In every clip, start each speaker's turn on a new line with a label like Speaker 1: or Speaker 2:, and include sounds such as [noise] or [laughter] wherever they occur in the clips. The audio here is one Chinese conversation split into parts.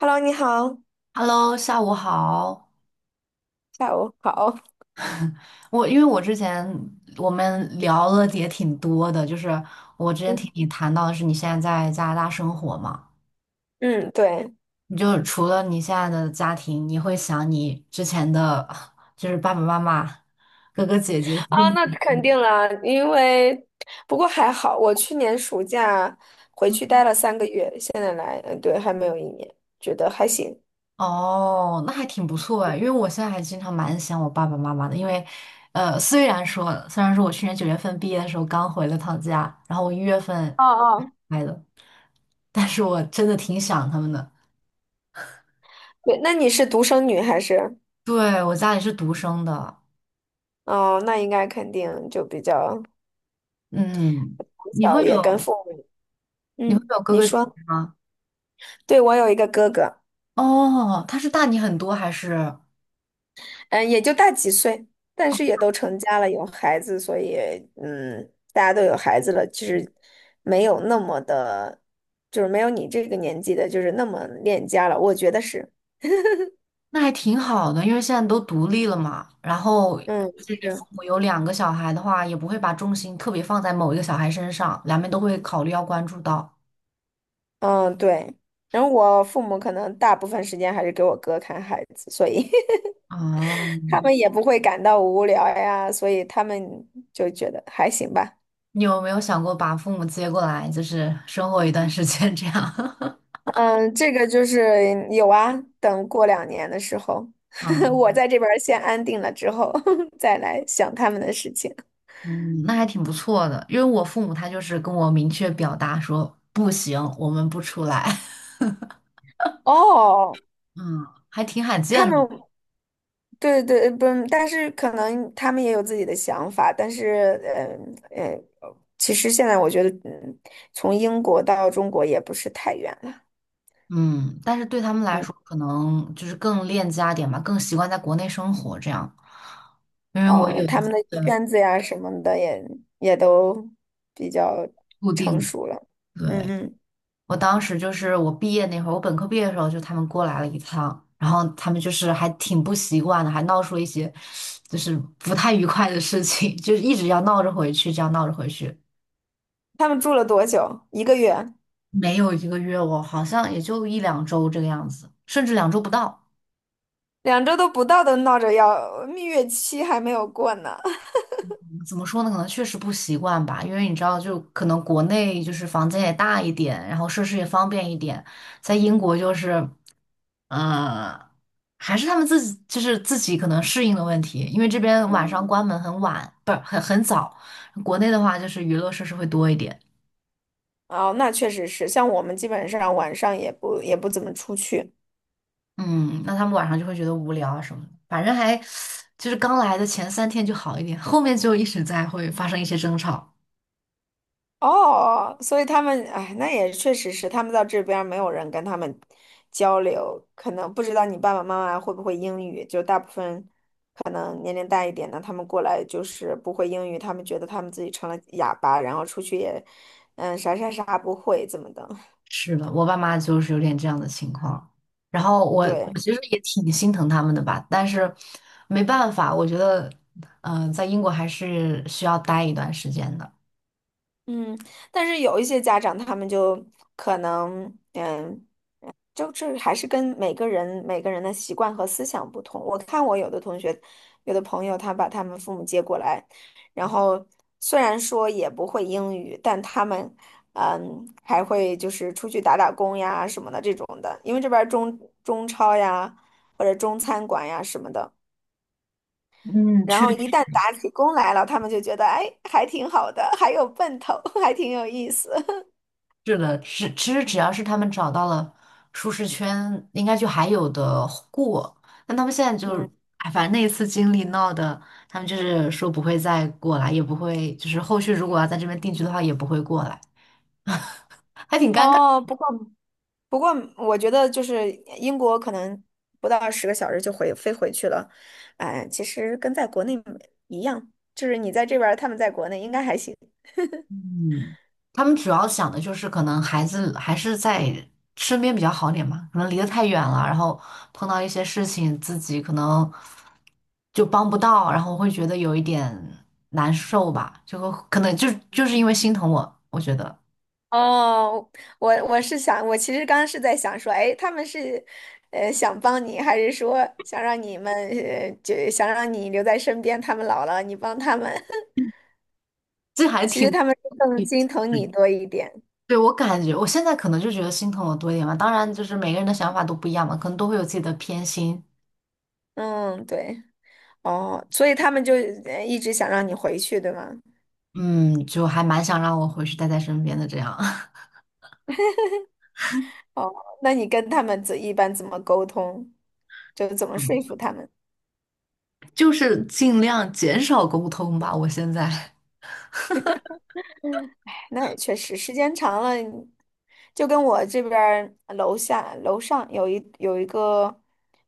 Speaker 1: Hello，你好，
Speaker 2: Hello，下午好。
Speaker 1: 下午好。
Speaker 2: 我因为我之前我们聊了也挺多的，就是我之前听
Speaker 1: 嗯，
Speaker 2: 你谈到的是你现在在加拿大生活嘛，
Speaker 1: 嗯对
Speaker 2: 你就除了你现在的家庭，你会想你之前的，就是爸爸妈妈、哥哥姐姐。
Speaker 1: 啊，那肯定了，因为不过还好，我去年暑假回
Speaker 2: [laughs]
Speaker 1: 去待了3个月，现在来，嗯，对，还没有1年，觉得还行。
Speaker 2: 哦，那还挺不错哎，因为我现在还经常蛮想我爸爸妈妈的，因为，虽然说我去年9月份毕业的时候刚回了趟家，然后我1月份
Speaker 1: 哦哦，
Speaker 2: 来的，但是我真的挺想他们的。
Speaker 1: 对，那你是独生女还是？
Speaker 2: 对，我家里是独生的，
Speaker 1: 哦，那应该肯定就比较
Speaker 2: 嗯，
Speaker 1: 从
Speaker 2: 你
Speaker 1: 小
Speaker 2: 会
Speaker 1: 也跟
Speaker 2: 有
Speaker 1: 父母。
Speaker 2: 你会
Speaker 1: 嗯，
Speaker 2: 有哥
Speaker 1: 你
Speaker 2: 哥姐
Speaker 1: 说，
Speaker 2: 姐吗？
Speaker 1: 对，我有一个哥哥。
Speaker 2: 哦，他是大你很多还是？
Speaker 1: 嗯，也就大几岁，但是也都成家了，有孩子，所以大家都有孩子了，就是没有那么的，就是没有你这个年纪的，就是那么恋家了。我觉得是，
Speaker 2: 那还挺好的，因为现在都独立了嘛。然后，
Speaker 1: 嗯，
Speaker 2: 而且你父
Speaker 1: 是，
Speaker 2: 母有2个小孩的话，也不会把重心特别放在某一个小孩身上，两边都会考虑要关注到。
Speaker 1: 嗯，对。然后我父母可能大部分时间还是给我哥看孩子，所以
Speaker 2: 哦，
Speaker 1: [laughs] 他们也不会感到无聊呀，所以他们就觉得还行吧。
Speaker 2: 你有没有想过把父母接过来，就是生活一段时间这样？[laughs]
Speaker 1: 嗯，这个就是有啊，等过2年的时候，[laughs]
Speaker 2: 啊，
Speaker 1: 我在这边儿先安定了之后，[laughs] 再来想他们的事情。
Speaker 2: 嗯，那还挺不错的。因为我父母他就是跟我明确表达说不行，我们不出来。
Speaker 1: 哦，
Speaker 2: [laughs] 嗯，还挺罕
Speaker 1: 他
Speaker 2: 见
Speaker 1: 们
Speaker 2: 的。
Speaker 1: 对对不，但是可能他们也有自己的想法，但是呃呃，其实现在我觉得，从英国到中国也不是太远了。
Speaker 2: 嗯，但是对他们来
Speaker 1: 嗯，
Speaker 2: 说，可能就是更恋家点吧，更习惯在国内生活这样。因为我
Speaker 1: 哦，
Speaker 2: 有一
Speaker 1: 他
Speaker 2: 次
Speaker 1: 们的
Speaker 2: 的
Speaker 1: 圈子呀什么的也都比较
Speaker 2: 固
Speaker 1: 成
Speaker 2: 定，
Speaker 1: 熟了。嗯
Speaker 2: 对，
Speaker 1: 嗯，
Speaker 2: 我当时就是我毕业那会儿，我本科毕业的时候，就他们过来了一趟，然后他们就是还挺不习惯的，还闹出了一些就是不太愉快的事情，就是一直要闹着回去，这样闹着回去，
Speaker 1: 他们住了多久？1个月。
Speaker 2: 没有1个月，我好像也就1、2周这个样子，甚至两周不到。
Speaker 1: 2周都不到，都闹着要蜜月期还没有过呢。[laughs]
Speaker 2: 怎么说呢？可能确实不习惯吧，因为你知道，就可能国内就是房间也大一点，然后设施也方便一点，在英国就是，呃，还是他们自己就是自己可能适应的问题，因为这边晚上嗯关门很晚，不是很早，国内的话就是娱乐设施会多一点，
Speaker 1: 哦，那确实是，像我们基本上晚上也不怎么出去。
Speaker 2: 嗯，那他们晚上就会觉得无聊啊什么的，反正还就是刚来的前3天就好一点，后面就一直在会发生一些争吵。
Speaker 1: 哦，所以他们，哎，那也确实是，他们到这边儿没有人跟他们交流，可能不知道你爸爸妈妈会不会英语，就大部分可能年龄大一点的，他们过来就是不会英语，他们觉得他们自己成了哑巴，然后出去也，啥啥啥不会，怎么的，
Speaker 2: 是的，我爸妈就是有点这样的情况，然后
Speaker 1: [laughs]
Speaker 2: 我
Speaker 1: 对。
Speaker 2: 其实也挺心疼他们的吧，但是没办法，我觉得，嗯、在英国还是需要待一段时间的。
Speaker 1: 嗯，但是有一些家长他们就可能，就这还是跟每个人每个人的习惯和思想不同。我看我有的同学，有的朋友，他把他们父母接过来，然后虽然说也不会英语，但他们，还会就是出去打打工呀什么的这种的，因为这边儿中超呀或者中餐馆呀什么的。
Speaker 2: 嗯，
Speaker 1: 然
Speaker 2: 确
Speaker 1: 后一
Speaker 2: 实。
Speaker 1: 旦打起工来了，他们就觉得，哎，还挺好的，还有奔头，[laughs] 还挺有意思。
Speaker 2: 是的，其实只要是他们找到了舒适圈，应该就还有的过。但他们现在
Speaker 1: [laughs]
Speaker 2: 就是，
Speaker 1: 嗯。
Speaker 2: 哎，反正那一次经历闹的，他们就是说不会再过来，也不会，就是后续如果要在这边定居的话，也不会过来，还挺尴尬。
Speaker 1: 哦，不过，我觉得就是英国可能不到10个小时就回飞回去了，哎，其实跟在国内一样，就是你在这边儿他们在国内应该还行 [laughs]。
Speaker 2: 嗯，他们主要想的就是可能孩子还是在身边比较好点嘛，可能离得太远了，然后碰到一些事情自己可能就帮不到，然后会觉得有一点难受吧，就会可能就是因为心疼我，我觉得
Speaker 1: 哦，我是想，我其实刚刚是在想说，哎，他们是想帮你，还是说想让你们就想让你留在身边，他们老了你帮他们，[laughs]
Speaker 2: 这还
Speaker 1: 其实
Speaker 2: 挺。
Speaker 1: 他们是更心疼你多一点。
Speaker 2: 对，我感觉，我现在可能就觉得心疼我多一点吧。当然，就是每个人的想法都不一样嘛，可能都会有自己的偏心。
Speaker 1: 嗯，对，哦，所以他们就一直想让你回去，对吗？
Speaker 2: 嗯，就还蛮想让我回去待在身边的这样。
Speaker 1: 哦，那你跟他们一般怎么沟通？就怎么说服
Speaker 2: [laughs]
Speaker 1: 他们？
Speaker 2: 就是尽量减少沟通吧。我现在，
Speaker 1: 那也确实，时间长了，就跟我这边儿楼下楼上有一个，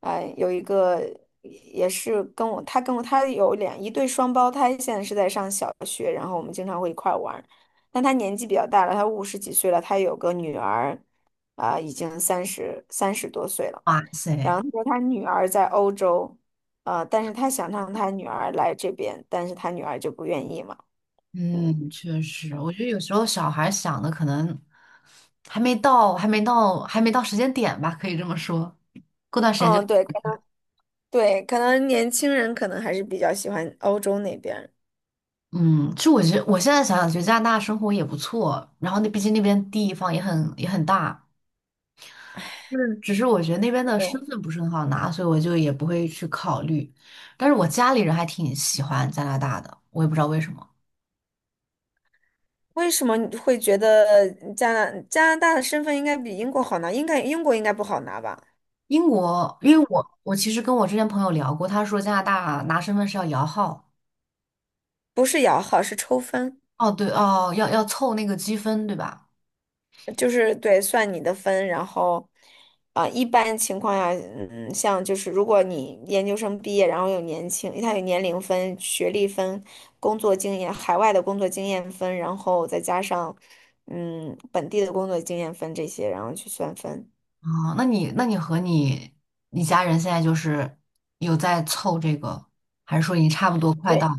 Speaker 1: 有一个也是跟我，他跟我他有一对双胞胎，现在是在上小学，然后我们经常会一块儿玩儿。但他年纪比较大了，他50几岁了，他有个女儿，啊、已经三十多岁了。
Speaker 2: 哇
Speaker 1: 然
Speaker 2: 塞，
Speaker 1: 后他说他女儿在欧洲，但是他想让他女儿来这边，但是他女儿就不愿意嘛。嗯
Speaker 2: 嗯，确实，
Speaker 1: 嗯，
Speaker 2: 我觉得有时候小孩想的可能还没到，还没到，还没到时间点吧，可以这么说。过段时间就，
Speaker 1: 嗯对，可能对，可能年轻人可能还是比较喜欢欧洲那边儿
Speaker 2: 嗯，其实我觉得我现在想想，觉得加拿大生活也不错，然后那毕竟那边地方也很也很大，就是只是我觉得那边的身
Speaker 1: 嗯，
Speaker 2: 份不是很好拿，所以我就也不会去考虑。但是我家里人还挺喜欢加拿大的，我也不知道为什么。
Speaker 1: 为什么你会觉得加拿大的身份应该比英国好拿？应该英国应该不好拿吧？
Speaker 2: 英国，因为
Speaker 1: 英
Speaker 2: 我其实跟我之前朋友聊过，他说加拿大拿身份是要摇号，
Speaker 1: 不是摇号，是抽分。
Speaker 2: 哦对哦，要凑那个积分对吧？
Speaker 1: 就是对，算你的分，然后，啊、一般情况下，像就是如果你研究生毕业，然后有年轻，他有年龄分、学历分、工作经验、海外的工作经验分，然后再加上，本地的工作经验分这些，然后去算分。
Speaker 2: 哦，那你和你家人现在就是有在凑这个，还是说你差不多快到
Speaker 1: 对，
Speaker 2: 了。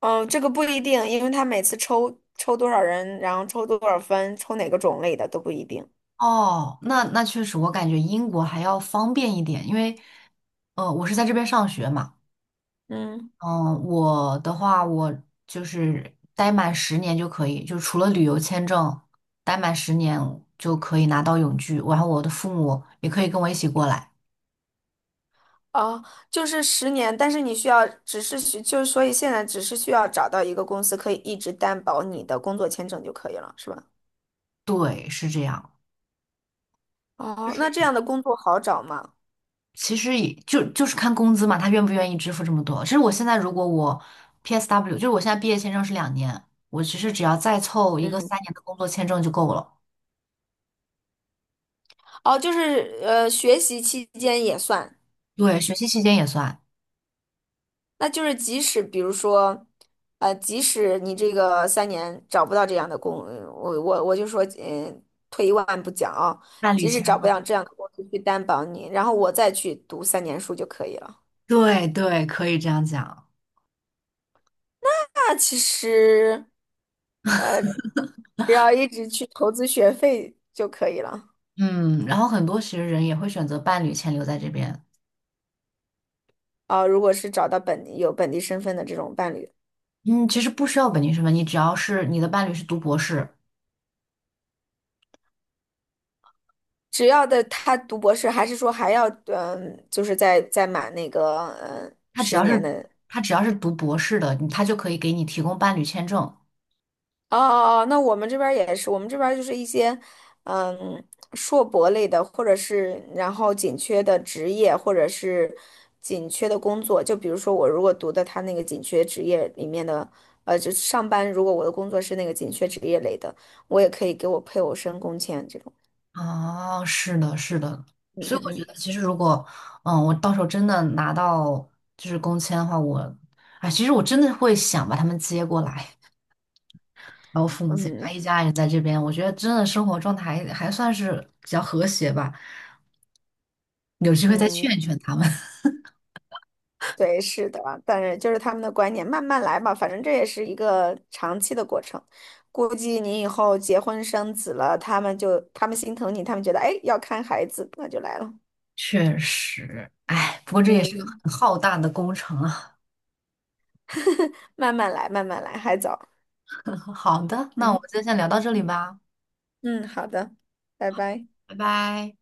Speaker 1: 嗯，这个不一定，因为他每次抽多少人，然后抽多少分，抽哪个种类的都不一定。
Speaker 2: 哦，那那确实，我感觉英国还要方便一点，因为呃我是在这边上学嘛。
Speaker 1: 嗯。
Speaker 2: 嗯，我的话，我就是待满十年就可以，就除了旅游签证，待满十年就可以拿到永居，然后我的父母也可以跟我一起过来。
Speaker 1: 哦，就是十年，但是你需要，只是需，就是所以现在只是需要找到一个公司可以一直担保你的工作签证就可以了，是吧？
Speaker 2: 对，是这样。就
Speaker 1: 哦，
Speaker 2: 是
Speaker 1: 那这样的工作好找吗？
Speaker 2: 其实就是看工资嘛，他愿不愿意支付这么多。其实我现在如果我 PSW，就是我现在毕业签证是2年，我其实只要再凑一个
Speaker 1: 嗯，
Speaker 2: 3年的工作签证就够了。
Speaker 1: 哦，就是学习期间也算，
Speaker 2: 对，学习期间也算，
Speaker 1: 那就是即使比如说，即使你这个三年找不到这样的工，我就说，退一万步讲啊、
Speaker 2: 伴侣
Speaker 1: 即使
Speaker 2: 签
Speaker 1: 找不
Speaker 2: 了。
Speaker 1: 到这样的公司去担保你，然后我再去读三年书就可以了。
Speaker 2: 对对，可以这样讲。
Speaker 1: 那其实。呃。只要一直去投资学费就可以了
Speaker 2: 嗯，然后很多其实人也会选择伴侣签留在这边。
Speaker 1: 啊。如果是找到本地有本地身份的这种伴侣，
Speaker 2: 嗯，其实不需要本地身份，你只要是你的伴侣是读博士，
Speaker 1: 只要的他读博士，还是说还要就是再满那个
Speaker 2: 他只
Speaker 1: 十
Speaker 2: 要
Speaker 1: 年
Speaker 2: 是
Speaker 1: 的。
Speaker 2: 他只要是读博士的，他就可以给你提供伴侣签证。
Speaker 1: 哦哦哦，那我们这边儿也是，我们这边儿就是一些，嗯，硕博类的，或者是然后紧缺的职业，或者是紧缺的工作。就比如说我如果读的他那个紧缺职业里面的，就是上班，如果我的工作是那个紧缺职业类的，我也可以给我配偶申工签这种。
Speaker 2: 哦，是的，是的。
Speaker 1: 嗯
Speaker 2: 所以我觉
Speaker 1: 嗯
Speaker 2: 得，其实如果嗯，我到时候真的拿到就是工签的话，我哎，其实我真的会想把他们接过来，然后父母
Speaker 1: 嗯
Speaker 2: 接过来
Speaker 1: 嗯
Speaker 2: 一家人在这边，我觉得真的生活状态还算是比较和谐吧。有机会再
Speaker 1: 嗯
Speaker 2: 劝一劝他们。
Speaker 1: 对，是的，但是就是他们的观念，慢慢来吧，反正这也是一个长期的过程。估计你以后结婚生子了，他们心疼你，他们觉得哎要看孩子，那就来了。
Speaker 2: 确实，哎，不过这也是个
Speaker 1: 嗯，
Speaker 2: 很浩大的工程啊。
Speaker 1: [laughs] 慢慢来，慢慢来，还早。
Speaker 2: [laughs] 好的，那我
Speaker 1: 嗯
Speaker 2: 们就先聊到这里吧，
Speaker 1: 嗯，好的，拜拜。
Speaker 2: 拜拜。